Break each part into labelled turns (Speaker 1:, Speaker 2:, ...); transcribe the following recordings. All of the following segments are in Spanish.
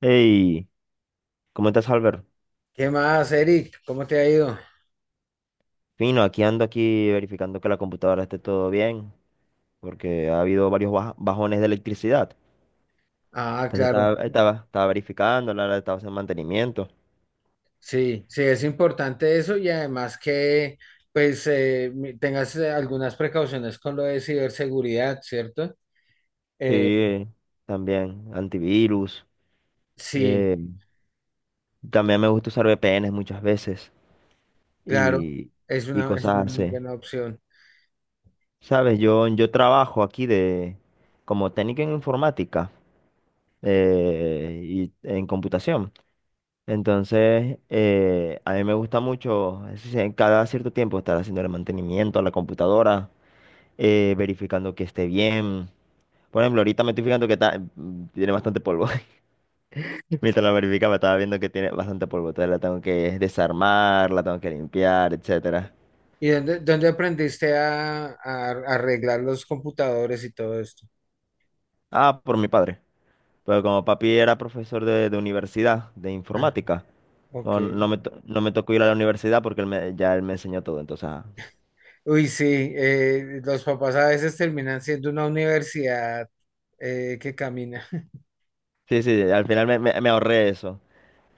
Speaker 1: Hey, ¿cómo estás, Albert?
Speaker 2: ¿Qué más, Eric? ¿Cómo te ha ido?
Speaker 1: Fino, aquí ando aquí verificando que la computadora esté todo bien, porque ha habido varios bajones de electricidad.
Speaker 2: Ah,
Speaker 1: Entonces
Speaker 2: claro.
Speaker 1: estaba verificando, la estaba haciendo mantenimiento.
Speaker 2: Sí, sí, es importante eso y además que pues tengas algunas precauciones con lo de ciberseguridad, ¿cierto? Eh,
Speaker 1: Sí, también antivirus.
Speaker 2: sí,
Speaker 1: eh, También me gusta usar VPNs muchas veces
Speaker 2: claro,
Speaker 1: y, y
Speaker 2: es
Speaker 1: cosas
Speaker 2: una muy
Speaker 1: así.
Speaker 2: buena opción.
Speaker 1: Sabes, yo trabajo aquí de como técnico en informática y en computación. Entonces, a mí me gusta mucho, es decir, en cada cierto tiempo, estar haciendo el mantenimiento a la computadora, verificando que esté bien. Por ejemplo, ahorita me estoy fijando que tiene bastante polvo. Mientras la verificaba, estaba viendo que tiene bastante polvo. Entonces la tengo que desarmar, la tengo que limpiar, etcétera.
Speaker 2: ¿Y dónde, dónde aprendiste a arreglar los computadores y todo esto?
Speaker 1: Ah, por mi padre. Pero como papi era profesor de universidad, de
Speaker 2: Ah,
Speaker 1: informática.
Speaker 2: ok.
Speaker 1: No me tocó ir a la universidad porque ya él me enseñó todo. Entonces, ah.
Speaker 2: Uy, sí, los papás a veces terminan siendo una universidad que camina.
Speaker 1: Sí, sí, al final me ahorré eso.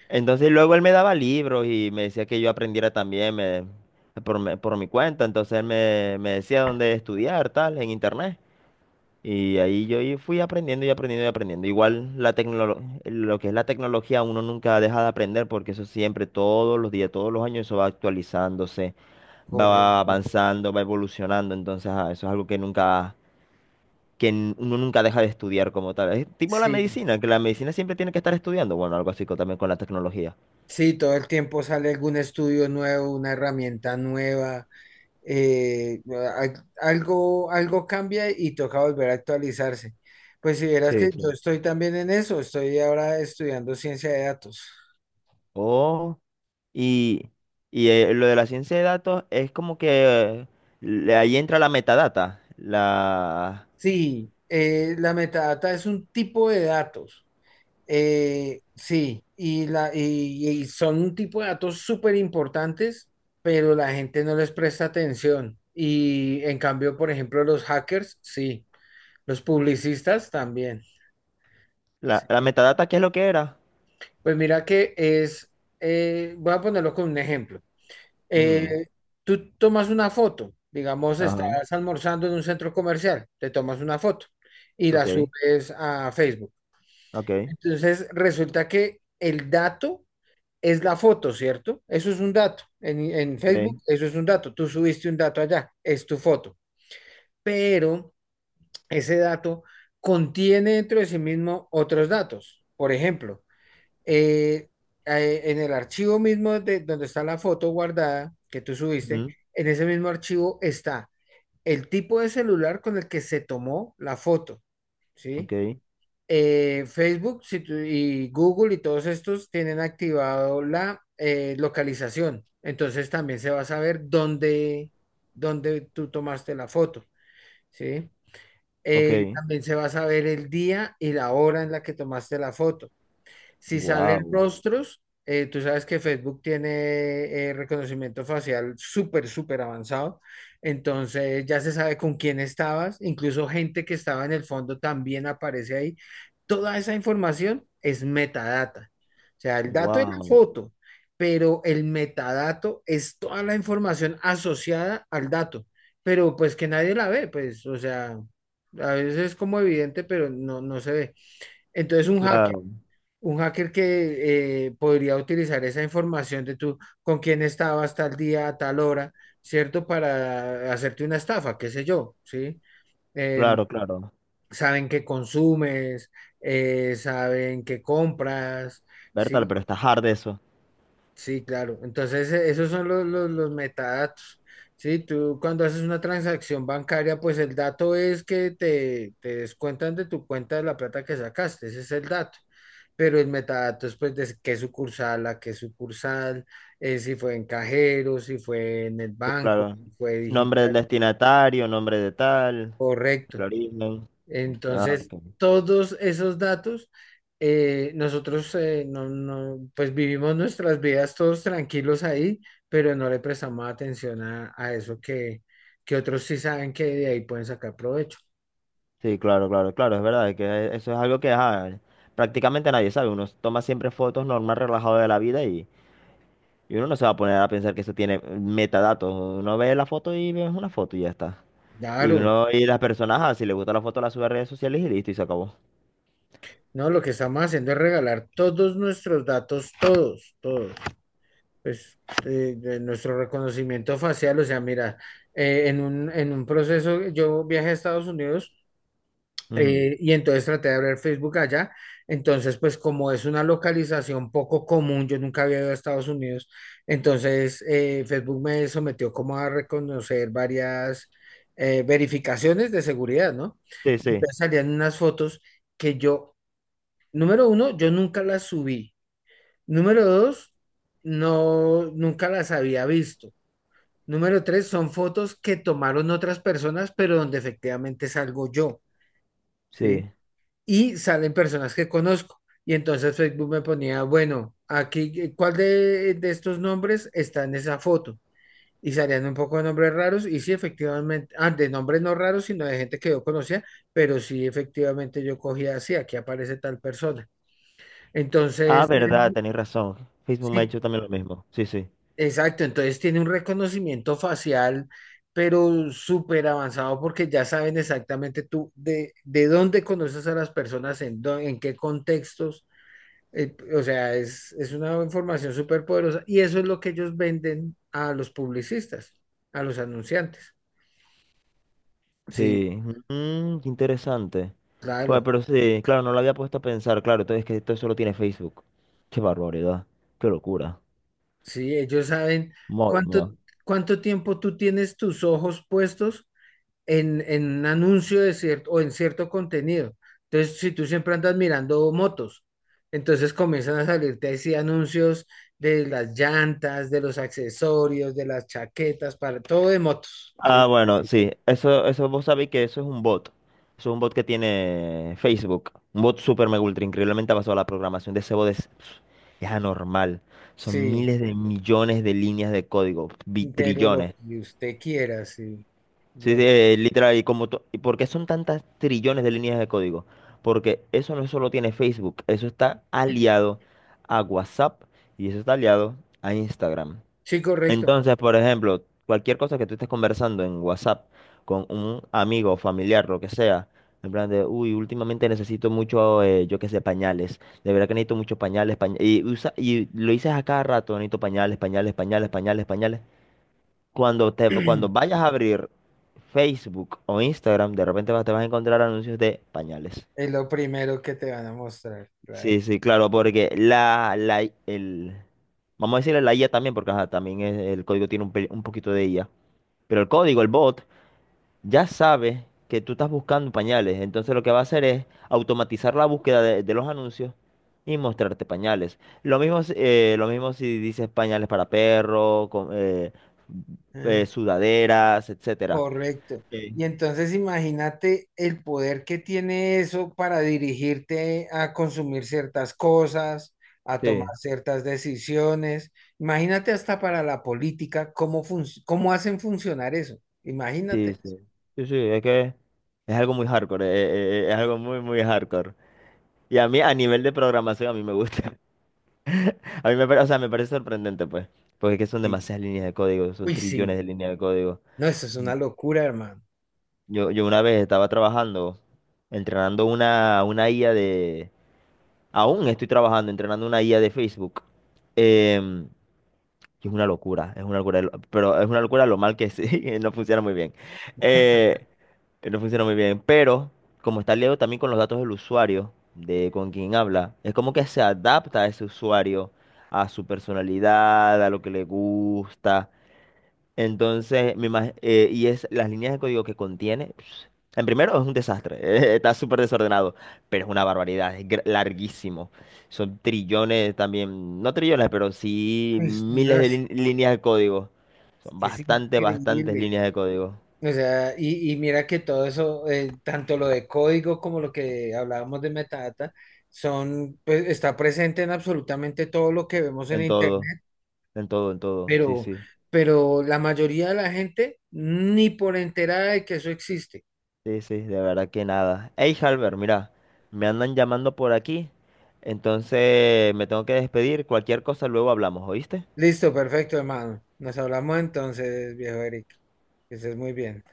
Speaker 1: Entonces luego él me daba libros y me decía que yo aprendiera también por mi cuenta. Entonces me decía dónde estudiar, tal, en internet. Y ahí yo fui aprendiendo y aprendiendo y aprendiendo. Igual la lo que es la tecnología uno nunca deja de aprender porque eso siempre, todos los días, todos los años, eso va actualizándose, va
Speaker 2: Correcto.
Speaker 1: avanzando, va evolucionando. Entonces eso es algo que nunca, que n- uno nunca deja de estudiar como tal. Es tipo la
Speaker 2: Sí.
Speaker 1: medicina, que la medicina siempre tiene que estar estudiando. Bueno, algo así también con la tecnología.
Speaker 2: Sí, todo el tiempo sale algún estudio nuevo, una herramienta nueva, eh, algo, algo cambia y toca volver a actualizarse. Pues si vieras
Speaker 1: Sí,
Speaker 2: que yo
Speaker 1: sí.
Speaker 2: estoy también en eso, estoy ahora estudiando ciencia de datos.
Speaker 1: Oh, y, lo de la ciencia de datos es como que ahí entra la metadata.
Speaker 2: Sí, la metadata es un tipo de datos. Y son un tipo de datos súper importantes, pero la gente no les presta atención. Y en cambio, por ejemplo, los hackers, sí. Los publicistas también.
Speaker 1: La
Speaker 2: Sí.
Speaker 1: metadata, ¿qué es lo que era?
Speaker 2: Pues mira que es, voy a ponerlo con un ejemplo.
Speaker 1: Ujú,
Speaker 2: Eh, Tú tomas una foto, digamos,
Speaker 1: ajá,
Speaker 2: estás almorzando en un centro comercial, te tomas una foto y
Speaker 1: ok,
Speaker 2: la subes a Facebook.
Speaker 1: ok,
Speaker 2: Entonces resulta que el dato es la foto, ¿cierto? Eso es un dato. En Facebook,
Speaker 1: ok,
Speaker 2: eso es un dato. Tú subiste un dato allá, es tu foto. Pero ese dato contiene dentro de sí mismo otros datos. Por ejemplo, eh, en el archivo mismo de donde está la foto guardada que tú subiste,
Speaker 1: ujú,
Speaker 2: en ese mismo archivo está el tipo de celular con el que se tomó la foto,
Speaker 1: ok,
Speaker 2: ¿sí? Facebook si y Google y todos estos tienen activado la localización, entonces también se va a saber dónde, dónde tú tomaste la foto, ¿sí?
Speaker 1: ok.
Speaker 2: También se va a saber el día y la hora en la que tomaste la foto. Si salen
Speaker 1: Wow,
Speaker 2: rostros, tú sabes que Facebook tiene reconocimiento facial súper, súper avanzado. Entonces ya se sabe con quién estabas. Incluso gente que estaba en el fondo también aparece ahí. Toda esa información es metadata. O sea, el dato es la
Speaker 1: wow,
Speaker 2: foto, pero el metadato es toda la información asociada al dato. Pero pues que nadie la ve, pues, o sea, a veces es como evidente, pero no, no se ve. Entonces
Speaker 1: claro,
Speaker 2: un hacker que podría utilizar esa información de tú con quién estabas tal día, a tal hora, ¿cierto? Para hacerte una estafa, qué sé yo, ¿sí? Em,
Speaker 1: claro, claro.
Speaker 2: saben qué consumes, saben qué compras,
Speaker 1: Bertal,
Speaker 2: ¿sí?
Speaker 1: pero está hard eso.
Speaker 2: Sí, claro. Entonces, esos son los metadatos. Sí, tú cuando haces una transacción bancaria, pues el dato es que te descuentan de tu cuenta de la plata que sacaste, ese es el dato. Pero el metadato es pues de qué sucursal, a qué sucursal, si fue en cajero, si fue en el
Speaker 1: Sí,
Speaker 2: banco,
Speaker 1: claro.
Speaker 2: si fue
Speaker 1: Nombre del
Speaker 2: digital,
Speaker 1: destinatario, nombre de tal, el
Speaker 2: correcto.
Speaker 1: origen. Ok, ah,
Speaker 2: Entonces,
Speaker 1: ok.
Speaker 2: todos esos datos, nosotros no, no, pues vivimos nuestras vidas todos tranquilos ahí, pero no le prestamos atención a eso que otros sí saben que de ahí pueden sacar provecho.
Speaker 1: Sí, claro, claro, claro, es verdad, que e, eso es algo que ajá, prácticamente nadie sabe. Uno toma siempre fotos normal, relajado de la vida y uno no se va a poner a pensar que eso tiene metadatos. Uno ve la foto y ve una foto y ya está. Y
Speaker 2: Claro,
Speaker 1: uno y las personas, ajá, si le gusta la foto, la sube a redes sociales y listo, y se acabó.
Speaker 2: no, lo que estamos haciendo es regalar todos nuestros datos, todos, todos. Pues de nuestro reconocimiento facial, o sea, mira, en un proceso, yo viajé a Estados Unidos.
Speaker 1: Ujú.
Speaker 2: Y entonces traté de abrir Facebook allá. Entonces, pues como es una localización poco común, yo nunca había ido a Estados Unidos, entonces Facebook me sometió como a reconocer varias verificaciones de seguridad, ¿no?
Speaker 1: Sí, sí,
Speaker 2: Entonces salían unas fotos que yo, número uno, yo nunca las subí. Número dos, no, nunca las había visto. Número tres, son fotos que tomaron otras personas, pero donde efectivamente salgo yo. ¿Sí?
Speaker 1: sí.
Speaker 2: Y salen personas que conozco. Y entonces Facebook me ponía, bueno, aquí, ¿cuál de estos nombres está en esa foto? Y salían un poco de nombres raros y sí, efectivamente, ah, de nombres no raros, sino de gente que yo conocía, pero sí, efectivamente yo cogía así, aquí aparece tal persona.
Speaker 1: Ah,
Speaker 2: Entonces,
Speaker 1: verdad,
Speaker 2: tiene-
Speaker 1: tenés razón. Facebook me ha
Speaker 2: sí,
Speaker 1: hecho también lo mismo. Sí, sí.
Speaker 2: exacto, entonces tiene un reconocimiento facial, pero súper avanzado porque ya saben exactamente tú de dónde conoces a las personas, en qué contextos. O sea, es una información súper poderosa y eso es lo que ellos venden a los publicistas, a los anunciantes. Sí,
Speaker 1: Sí, mm, qué interesante. Bueno,
Speaker 2: claro,
Speaker 1: pero sí, claro, no lo había puesto a pensar, claro, entonces es que esto solo tiene Facebook. Qué barbaridad, qué locura.
Speaker 2: sí, ellos saben
Speaker 1: Madre
Speaker 2: cuánto,
Speaker 1: mía.
Speaker 2: cuánto tiempo tú tienes tus ojos puestos en un anuncio de cierto, o en cierto contenido. Entonces, si tú siempre andas mirando motos, entonces comienzan a salirte así anuncios de las llantas, de los accesorios, de las chaquetas, para todo de motos.
Speaker 1: Ah,
Speaker 2: Sí,
Speaker 1: bueno,
Speaker 2: sí,
Speaker 1: sí. Eso vos sabéis que eso es un bot. Eso es un bot que tiene Facebook. Un bot super mega ultra increíblemente basado avanzado. La programación de ese bot es anormal. Son
Speaker 2: sí.
Speaker 1: miles de millones de líneas de código.
Speaker 2: Pero lo
Speaker 1: Trillones.
Speaker 2: que usted quiera, sí.
Speaker 1: Sí, sí,
Speaker 2: Lo...
Speaker 1: literal. Y como ¿Y por qué son tantas trillones de líneas de código? Porque eso no solo tiene Facebook. Eso está aliado a WhatsApp y eso está aliado a Instagram.
Speaker 2: Sí, correcto.
Speaker 1: Entonces, por ejemplo, cualquier cosa que tú estés conversando en WhatsApp con un amigo, familiar, lo que sea, en plan de, uy, últimamente necesito mucho, yo qué sé, pañales. De verdad que necesito muchos pañales, pañales. Y, y lo dices a cada rato, necesito pañales, pañales, pañales, pañales, pañales. Cuando te, cuando vayas a abrir Facebook o Instagram, de repente te vas a encontrar anuncios de pañales.
Speaker 2: Es lo primero que te van a mostrar,
Speaker 1: Sí,
Speaker 2: claro.
Speaker 1: sí, claro, porque vamos a decirle la IA también, porque ajá, también el código tiene un, un poquito de IA. Pero el código, el bot, ya sabe que tú estás buscando pañales. Entonces lo que va a hacer es automatizar la búsqueda de los anuncios y mostrarte pañales. Lo mismo, lo mismo si dices pañales para perro, con,
Speaker 2: Ah,
Speaker 1: sudaderas, etcétera.
Speaker 2: correcto.
Speaker 1: Sí.
Speaker 2: Y entonces imagínate el poder que tiene eso para dirigirte a consumir ciertas cosas, a tomar
Speaker 1: Sí,
Speaker 2: ciertas decisiones. Imagínate hasta para la política, cómo hacen funcionar eso.
Speaker 1: sí,
Speaker 2: Imagínate.
Speaker 1: sí. Sí, sí, es que es algo muy hardcore, es algo muy, muy hardcore. Y a mí, a nivel de programación, a mí me gusta. A mí me parece, o sea, me parece sorprendente, pues. Porque es que son
Speaker 2: Sí.
Speaker 1: demasiadas líneas de código, son
Speaker 2: Uy,
Speaker 1: trillones
Speaker 2: sí.
Speaker 1: de líneas de código.
Speaker 2: No, eso es una locura, hermano.
Speaker 1: Yo una vez estaba trabajando, entrenando una IA de... Aún estoy trabajando, entrenando una IA de Facebook. Em, y es una locura, pero es una locura lo mal que sí, no funciona muy bien. Eh, no funciona muy bien, pero como está liado también con los datos del usuario, de con quien habla, es como que se adapta a ese usuario, a su personalidad, a lo que le gusta. Entonces, y es las líneas de código que contiene. En primero, es un desastre, está súper desordenado, pero es una barbaridad, es larguísimo. Son trillones también, no trillones, pero sí
Speaker 2: Uy, no,
Speaker 1: miles de
Speaker 2: es
Speaker 1: líneas de código. Son
Speaker 2: que es
Speaker 1: bastante, bastantes
Speaker 2: increíble.
Speaker 1: líneas de código.
Speaker 2: O sea, y mira que todo eso, tanto lo de código como lo que hablábamos de metadata, son, pues, está presente en absolutamente todo lo que vemos en
Speaker 1: En todo,
Speaker 2: internet,
Speaker 1: en todo, en todo. Sí,
Speaker 2: pero,
Speaker 1: sí,
Speaker 2: pero la mayoría de la gente ni por enterada de que eso existe.
Speaker 1: sí, sí, de verdad que nada. Hey, Halber, mira, me andan llamando por aquí, entonces me tengo que despedir. Cualquier cosa luego hablamos, ¿oíste?
Speaker 2: Listo, perfecto, hermano. Nos hablamos entonces, viejo Eric. Que estés muy bien.